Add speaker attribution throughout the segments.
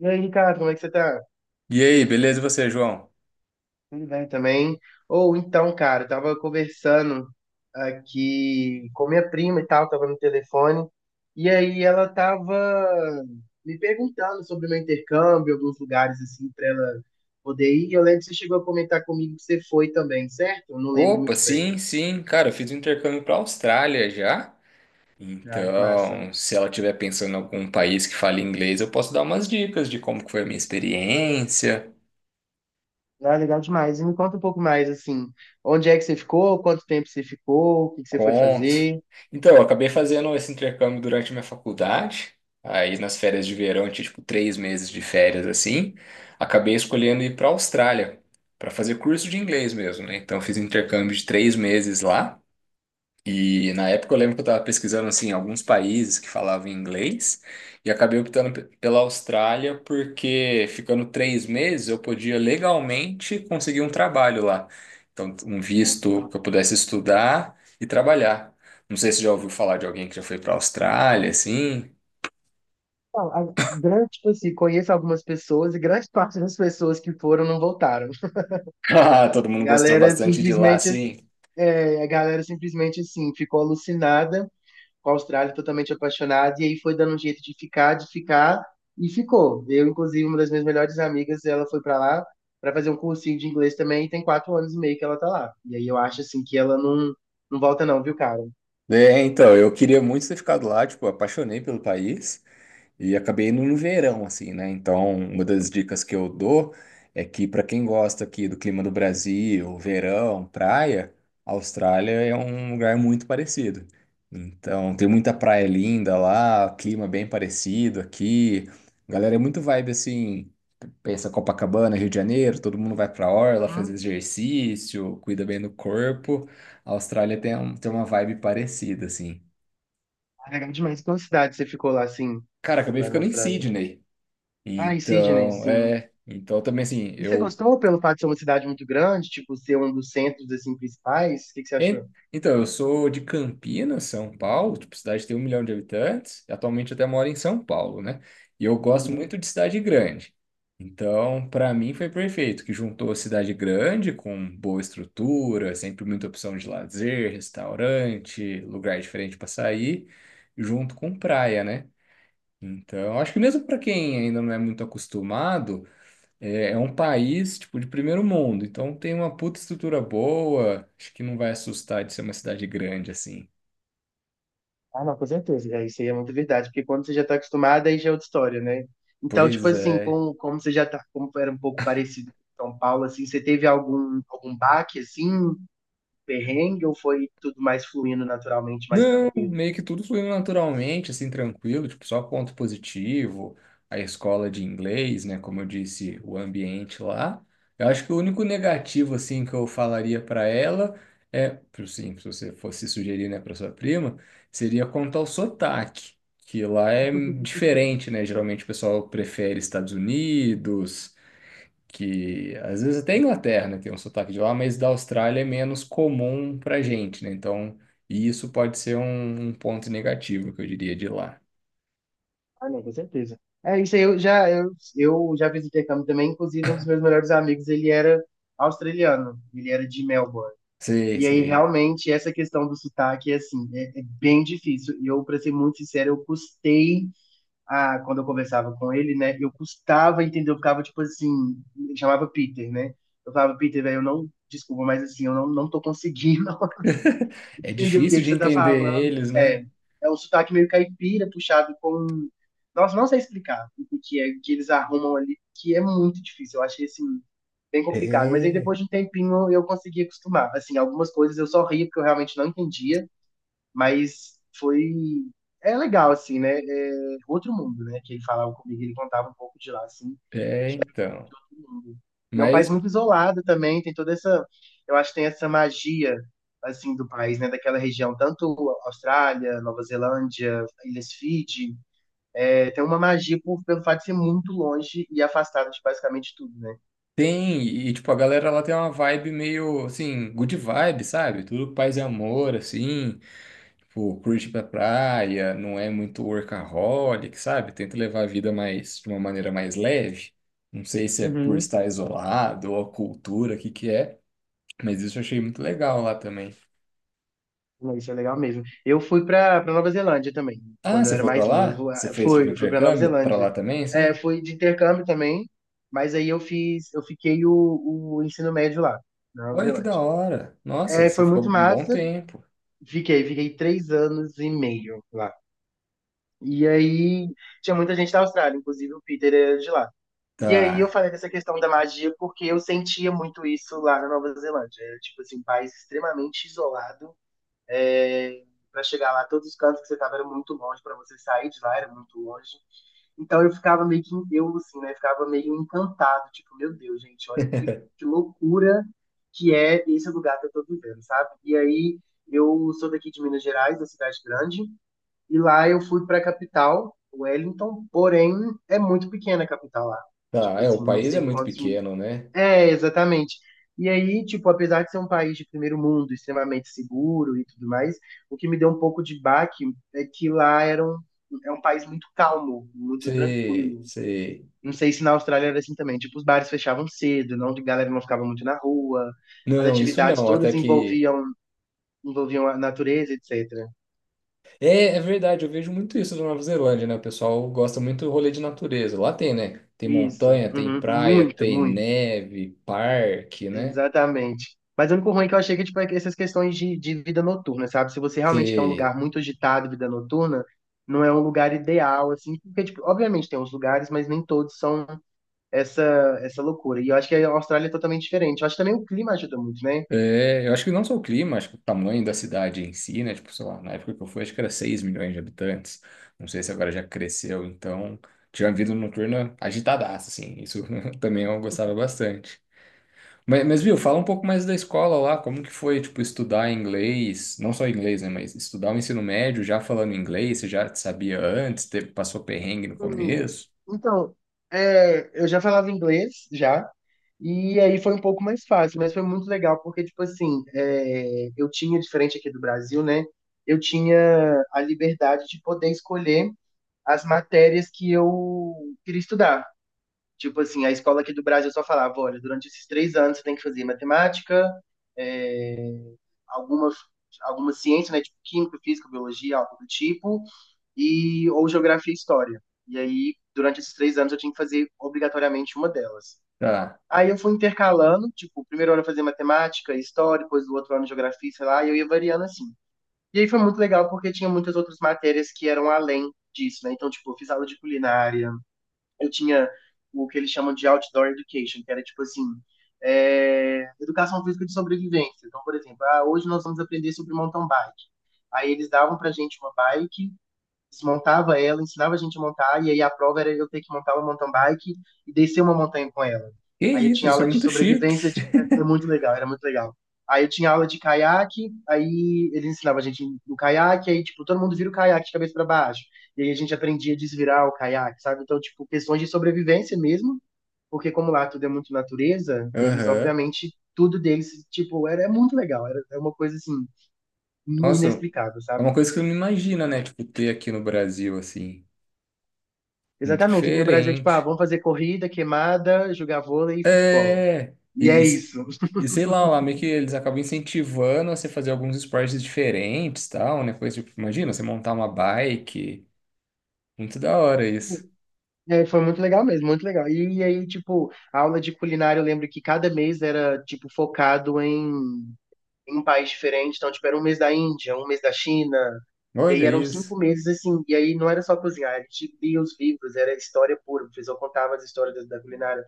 Speaker 1: E aí, Ricardo, como é que você tá?
Speaker 2: E aí, beleza? E você, João?
Speaker 1: Tudo bem também? Ou então, cara, eu tava conversando aqui com minha prima e tal, tava no telefone, e aí ela tava me perguntando sobre o meu intercâmbio, alguns lugares assim pra ela poder ir. Eu lembro que você chegou a comentar comigo que você foi também, certo? Eu não lembro
Speaker 2: Opa,
Speaker 1: muito bem.
Speaker 2: sim, sim. Cara, eu fiz um intercâmbio para Austrália já.
Speaker 1: Ah, que massa.
Speaker 2: Então, se ela estiver pensando em algum país que fale inglês, eu posso dar umas dicas de como que foi a minha experiência,
Speaker 1: Ah, legal demais. E me conta um pouco mais, assim, onde é que você ficou, quanto tempo você ficou, o que que você foi
Speaker 2: conto.
Speaker 1: fazer?
Speaker 2: Então, eu acabei fazendo esse intercâmbio durante minha faculdade. Aí, nas férias de verão, eu tinha tipo 3 meses de férias assim. Acabei escolhendo ir para Austrália para fazer curso de inglês mesmo, né? Então, eu fiz um intercâmbio de 3 meses lá. E na época eu lembro que eu estava pesquisando assim alguns países que falavam inglês e acabei optando pela Austrália porque ficando 3 meses eu podia legalmente conseguir um trabalho lá. Então, um visto que eu pudesse estudar e trabalhar. Não sei se você já ouviu falar de alguém que já foi para a Austrália, assim.
Speaker 1: Não, a grande, tipo assim, conheço algumas pessoas e grande parte das pessoas que foram não voltaram.
Speaker 2: Ah, todo
Speaker 1: A
Speaker 2: mundo gostou
Speaker 1: galera
Speaker 2: bastante de lá,
Speaker 1: simplesmente,
Speaker 2: assim.
Speaker 1: a galera simplesmente assim, ficou alucinada com a Austrália, totalmente apaixonada, e aí foi dando um jeito de ficar, e ficou. Eu, inclusive, uma das minhas melhores amigas, ela foi pra lá pra fazer um cursinho de inglês também, e tem 4 anos e meio que ela tá lá. E aí eu acho, assim, que ela não volta não, viu, cara?
Speaker 2: É, então, eu queria muito ter ficado lá, tipo, apaixonei pelo país. E acabei indo no verão, assim, né? Então, uma das dicas que eu dou é que, para quem gosta aqui do clima do Brasil, verão, praia, a Austrália é um lugar muito parecido. Então, tem muita praia linda lá, clima bem parecido aqui. Galera, é muito vibe assim. Pensa Copacabana, Rio de Janeiro, todo mundo vai pra orla, faz
Speaker 1: Hum,
Speaker 2: exercício, cuida bem do corpo. A Austrália tem uma vibe parecida, assim.
Speaker 1: legal demais. Qual cidade você ficou lá, assim,
Speaker 2: Cara, acabei
Speaker 1: lá na
Speaker 2: ficando em
Speaker 1: Austrália?
Speaker 2: Sydney.
Speaker 1: Ah, e Sydney,
Speaker 2: Então,
Speaker 1: sim.
Speaker 2: é. Então, também assim,
Speaker 1: E você gostou pelo fato de ser uma cidade muito grande, tipo, ser um dos centros, assim, principais? O que que você achou?
Speaker 2: en- Então, eu sou de Campinas, São Paulo, tipo, cidade que tem 1 milhão de habitantes. Atualmente, eu até moro em São Paulo, né? E eu gosto
Speaker 1: Uhum.
Speaker 2: muito de cidade grande. Então, para mim, foi perfeito, que juntou a cidade grande com boa estrutura, sempre muita opção de lazer, restaurante, lugar diferente para sair, junto com praia, né? Então, acho que mesmo para quem ainda não é muito acostumado. É, é um país, tipo, de primeiro mundo, então tem uma puta estrutura boa, acho que não vai assustar de ser uma cidade grande, assim.
Speaker 1: Ah, não, com certeza. É, isso aí é muito verdade, porque quando você já está acostumado, aí já é outra história, né? Então, tipo
Speaker 2: Pois
Speaker 1: assim,
Speaker 2: é.
Speaker 1: como você já tá, como era um pouco parecido com São Paulo, assim, você teve algum baque, assim, perrengue, ou foi tudo mais fluindo naturalmente, mais
Speaker 2: Não,
Speaker 1: tranquilo?
Speaker 2: meio que tudo fluiu naturalmente, assim, tranquilo, tipo, só ponto positivo, a escola de inglês, né, como eu disse, o ambiente lá. Eu acho que o único negativo, assim, que eu falaria para ela é, sim, se você fosse sugerir, né, para sua prima, seria quanto ao sotaque, que lá é diferente, né, geralmente o pessoal prefere Estados Unidos, que às vezes até a Inglaterra, né, tem um sotaque de lá, mas da Austrália é menos comum pra gente, né? Então, e isso pode ser um, um ponto negativo que eu diria de lá.
Speaker 1: Ah, não, com certeza. É, isso aí, eu já fiz intercâmbio também, inclusive um dos meus melhores amigos, ele era australiano, ele era de Melbourne.
Speaker 2: Sei,
Speaker 1: E aí,
Speaker 2: sei.
Speaker 1: realmente, essa questão do sotaque, é, assim, é bem difícil. E eu, para ser muito sincero, eu custei, a, quando eu conversava com ele, né? Eu custava entender, eu ficava, tipo assim, ele chamava Peter, né? Eu falava, Peter, velho, eu não, desculpa, mas assim, eu não tô conseguindo.
Speaker 2: É
Speaker 1: Entendi o que
Speaker 2: difícil
Speaker 1: que
Speaker 2: de
Speaker 1: você tá
Speaker 2: entender
Speaker 1: falando.
Speaker 2: eles, né?
Speaker 1: É um sotaque meio caipira, puxado com. Nossa, não sei explicar o que é que eles arrumam ali, que é muito difícil. Eu achei assim, bem complicado. Mas aí
Speaker 2: É.
Speaker 1: depois de um tempinho eu consegui acostumar. Assim, algumas coisas eu só ria porque eu realmente não entendia, mas foi. É legal, assim, né? É outro mundo, né? Que ele falava comigo, ele contava um pouco de lá, assim.
Speaker 2: É, então.
Speaker 1: E é um país
Speaker 2: Mas
Speaker 1: muito isolado também, tem toda essa, eu acho que tem essa magia assim do país, né, daquela região, tanto Austrália, Nova Zelândia, Ilhas Fiji, é, tem uma magia pelo fato de ser muito longe e afastado de basicamente tudo, né?
Speaker 2: tem, e tipo, a galera lá tem uma vibe meio assim, good vibe, sabe? Tudo paz e amor, assim. Tipo, curte ir pra praia, não é muito workaholic, sabe? Tenta levar a vida mais, de uma maneira mais leve. Não sei se é por
Speaker 1: Uhum.
Speaker 2: estar isolado ou a cultura, o que que é, mas isso eu achei muito legal lá também.
Speaker 1: Não, isso é legal mesmo. Eu fui para Nova Zelândia também,
Speaker 2: Ah,
Speaker 1: quando eu
Speaker 2: você
Speaker 1: era
Speaker 2: foi pra
Speaker 1: mais
Speaker 2: lá?
Speaker 1: novo. ah,
Speaker 2: Você fez tipo um
Speaker 1: Fui, fui para Nova
Speaker 2: intercâmbio pra
Speaker 1: Zelândia.
Speaker 2: lá também,
Speaker 1: É,
Speaker 2: sim?
Speaker 1: fui de intercâmbio também, mas aí eu fiquei o ensino médio lá, na Nova
Speaker 2: Olha que
Speaker 1: Zelândia.
Speaker 2: da hora. Nossa,
Speaker 1: É,
Speaker 2: você
Speaker 1: foi
Speaker 2: ficou
Speaker 1: muito
Speaker 2: um bom
Speaker 1: massa.
Speaker 2: tempo.
Speaker 1: Fiquei 3 anos e meio lá. E aí tinha muita gente da Austrália, inclusive o Peter era de lá. E aí eu
Speaker 2: Tá,
Speaker 1: falei dessa questão da magia porque eu sentia muito isso lá na Nova Zelândia. Era, tipo assim, um país extremamente isolado é, para chegar lá, todos os cantos que você estava eram muito longe, para você sair de lá era muito longe. Então eu ficava meio que em Deus, assim, né? Ficava meio encantado, tipo, meu Deus, gente, olha que loucura que é esse lugar que eu tô vivendo, sabe? E aí eu sou daqui de Minas Gerais, da cidade grande, e lá eu fui para a capital, Wellington, porém é muito pequena a capital lá.
Speaker 2: tá.
Speaker 1: Tipo
Speaker 2: É, o
Speaker 1: assim, não
Speaker 2: país é
Speaker 1: sei
Speaker 2: muito
Speaker 1: quantos
Speaker 2: pequeno, né?
Speaker 1: é, exatamente. E aí, tipo, apesar de ser um país de primeiro mundo, extremamente seguro e tudo mais, o que me deu um pouco de baque é que lá é um país muito calmo, muito
Speaker 2: Sei,
Speaker 1: tranquilo.
Speaker 2: sei.
Speaker 1: Não sei se na Austrália era assim também. Tipo, os bares fechavam cedo, não, a galera não ficava muito na rua, as
Speaker 2: Não, isso
Speaker 1: atividades
Speaker 2: não. Até
Speaker 1: todas
Speaker 2: que
Speaker 1: envolviam a natureza, etc.
Speaker 2: é, é verdade, eu vejo muito isso na Nova Zelândia, né? O pessoal gosta muito do rolê de natureza. Lá tem, né? Tem
Speaker 1: Isso,
Speaker 2: montanha, tem
Speaker 1: uhum,
Speaker 2: praia,
Speaker 1: muito,
Speaker 2: tem
Speaker 1: muito.
Speaker 2: neve, parque, né?
Speaker 1: Exatamente. Mas o único ruim é que eu achei que, tipo, é que essas questões de vida noturna, sabe? Se você realmente quer um
Speaker 2: Tem...
Speaker 1: lugar muito agitado, vida noturna, não é um lugar ideal, assim, porque, tipo, obviamente tem uns lugares, mas nem todos são essa, essa loucura. E eu acho que a Austrália é totalmente diferente. Eu acho que também o clima ajuda muito, né?
Speaker 2: É, eu acho que não só o clima, acho que o tamanho da cidade em si, né? Tipo, sei lá, na época que eu fui, acho que era 6 milhões de habitantes. Não sei se agora já cresceu, então tinha uma vida noturna agitadaça, assim. Isso também eu gostava bastante. Viu, fala um pouco mais da escola lá, como que foi, tipo, estudar inglês, não só inglês, né, mas estudar o ensino médio já falando inglês, você já sabia antes, teve, passou perrengue no
Speaker 1: Hum,
Speaker 2: começo?
Speaker 1: então, é, eu já falava inglês, já, e aí foi um pouco mais fácil, mas foi muito legal, porque, tipo assim, é, eu tinha, diferente aqui do Brasil, né? Eu tinha a liberdade de poder escolher as matérias que eu queria estudar. Tipo assim, a escola aqui do Brasil só falava, olha, durante esses 3 anos você tem que fazer matemática, é, alguma, alguma ciência, né? Tipo química, física, biologia, algo do tipo, e, ou geografia e história. E aí, durante esses 3 anos, eu tinha que fazer obrigatoriamente uma delas.
Speaker 2: Tá.
Speaker 1: Aí eu fui intercalando, tipo, o primeiro ano eu fazia matemática, história, depois do outro ano geografia, sei lá, e eu ia variando assim. E aí foi muito legal porque tinha muitas outras matérias que eram além disso, né? Então, tipo, eu fiz aula de culinária, eu tinha o que eles chamam de outdoor education, que era tipo assim, é, educação física de sobrevivência. Então, por exemplo, ah, hoje nós vamos aprender sobre mountain bike. Aí eles davam pra gente uma bike, desmontava ela, ensinava a gente a montar, e aí a prova era eu ter que montar uma mountain bike e descer uma montanha com ela.
Speaker 2: Que
Speaker 1: Aí eu
Speaker 2: isso,
Speaker 1: tinha
Speaker 2: isso é
Speaker 1: aula de
Speaker 2: muito chique.
Speaker 1: sobrevivência, de... era muito legal, era muito legal. Aí eu tinha aula de caiaque, aí eles ensinavam a gente no caiaque, aí, tipo, todo mundo vira o caiaque de cabeça para baixo. E aí a gente aprendia a desvirar o caiaque, sabe? Então, tipo, questões de sobrevivência mesmo, porque como lá tudo é muito natureza, eles,
Speaker 2: Aham.
Speaker 1: obviamente, tudo deles, tipo, era, é muito legal, era é uma coisa, assim,
Speaker 2: Nossa,
Speaker 1: inexplicável,
Speaker 2: é
Speaker 1: sabe?
Speaker 2: uma coisa que você não imagina, né, tipo, ter aqui no Brasil, assim, muito
Speaker 1: Exatamente, aqui no Brasil é tipo, ah,
Speaker 2: diferente.
Speaker 1: vamos fazer corrida, queimada, jogar vôlei e futebol.
Speaker 2: É,
Speaker 1: E
Speaker 2: e,
Speaker 1: é
Speaker 2: e,
Speaker 1: isso.
Speaker 2: e sei lá, lá meio que eles acabam incentivando a você fazer alguns esportes diferentes, tal, né, coisa, tipo, imagina, você montar uma bike... Muito da hora isso.
Speaker 1: É, foi muito legal mesmo, muito legal. E, aí, tipo, a aula de culinária, eu lembro que cada mês era, tipo, focado em um país diferente. Então, tipo, era um mês da Índia, um mês da China. E aí
Speaker 2: Olha
Speaker 1: eram
Speaker 2: isso.
Speaker 1: 5 meses, assim. E aí não era só cozinhar, a gente lia os livros, era história pura. O professor contava as histórias da, da culinária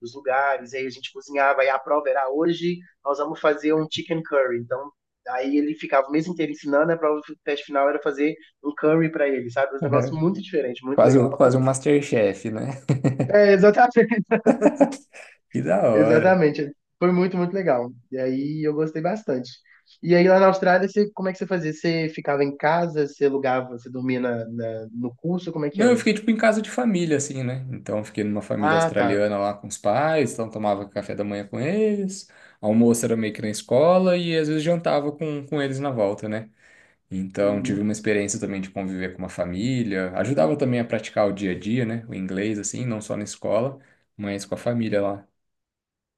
Speaker 1: dos lugares. E aí a gente cozinhava. E a prova era hoje nós vamos fazer um chicken curry. Então, aí ele ficava o mês inteiro ensinando. A prova do teste final era fazer um curry para ele, sabe? Um negócio muito diferente, muito
Speaker 2: Quase,
Speaker 1: legal.
Speaker 2: quase um MasterChef, né?
Speaker 1: É, exatamente.
Speaker 2: Que da hora.
Speaker 1: Exatamente. Foi muito, muito legal. E aí eu gostei bastante. E aí lá na Austrália, você, como é que você fazia? Você ficava em casa, você alugava, você dormia no curso, como é que
Speaker 2: Não, eu
Speaker 1: era?
Speaker 2: fiquei tipo em casa de família, assim, né? Então, eu fiquei numa família
Speaker 1: Ah, tá.
Speaker 2: australiana lá com os pais, então tomava café da manhã com eles, almoço era meio que na escola e às vezes jantava com eles na volta, né? Então, tive uma
Speaker 1: Uhum.
Speaker 2: experiência também de conviver com uma família, ajudava também a praticar o dia a dia, né? O inglês, assim, não só na escola, mas com a família lá.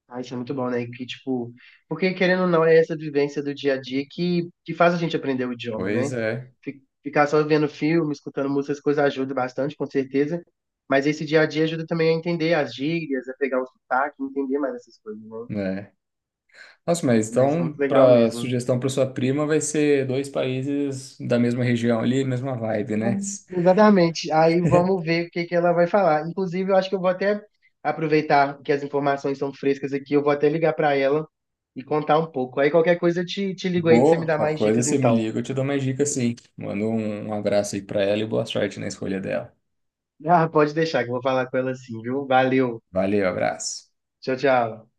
Speaker 1: Ah, isso é muito bom, né? Que, tipo, porque querendo ou não, é essa vivência do dia a dia que faz a gente aprender o idioma,
Speaker 2: Pois
Speaker 1: né?
Speaker 2: é,
Speaker 1: Ficar só vendo filme, escutando música, essas coisas ajuda bastante, com certeza. Mas esse dia a dia ajuda também a entender as gírias, a pegar o sotaque, entender mais essas coisas, né?
Speaker 2: né? Nossa, mas
Speaker 1: Mas isso é
Speaker 2: então,
Speaker 1: muito legal
Speaker 2: para
Speaker 1: mesmo.
Speaker 2: sugestão para sua prima, vai ser dois países da mesma região ali, mesma vibe, né?
Speaker 1: Exatamente. Aí vamos ver o que que ela vai falar. Inclusive, eu acho que eu vou até aproveitar que as informações são frescas aqui, eu vou até ligar para ela e contar um pouco. Aí qualquer coisa eu te ligo aí para você me
Speaker 2: Boa,
Speaker 1: dar
Speaker 2: qualquer
Speaker 1: mais
Speaker 2: coisa
Speaker 1: dicas
Speaker 2: você me
Speaker 1: então.
Speaker 2: liga, eu te dou mais dicas sim. Manda um abraço aí para ela e boa sorte na escolha dela.
Speaker 1: Ah, pode deixar que eu vou falar com ela assim, viu? Valeu.
Speaker 2: Valeu, abraço.
Speaker 1: Tchau, tchau.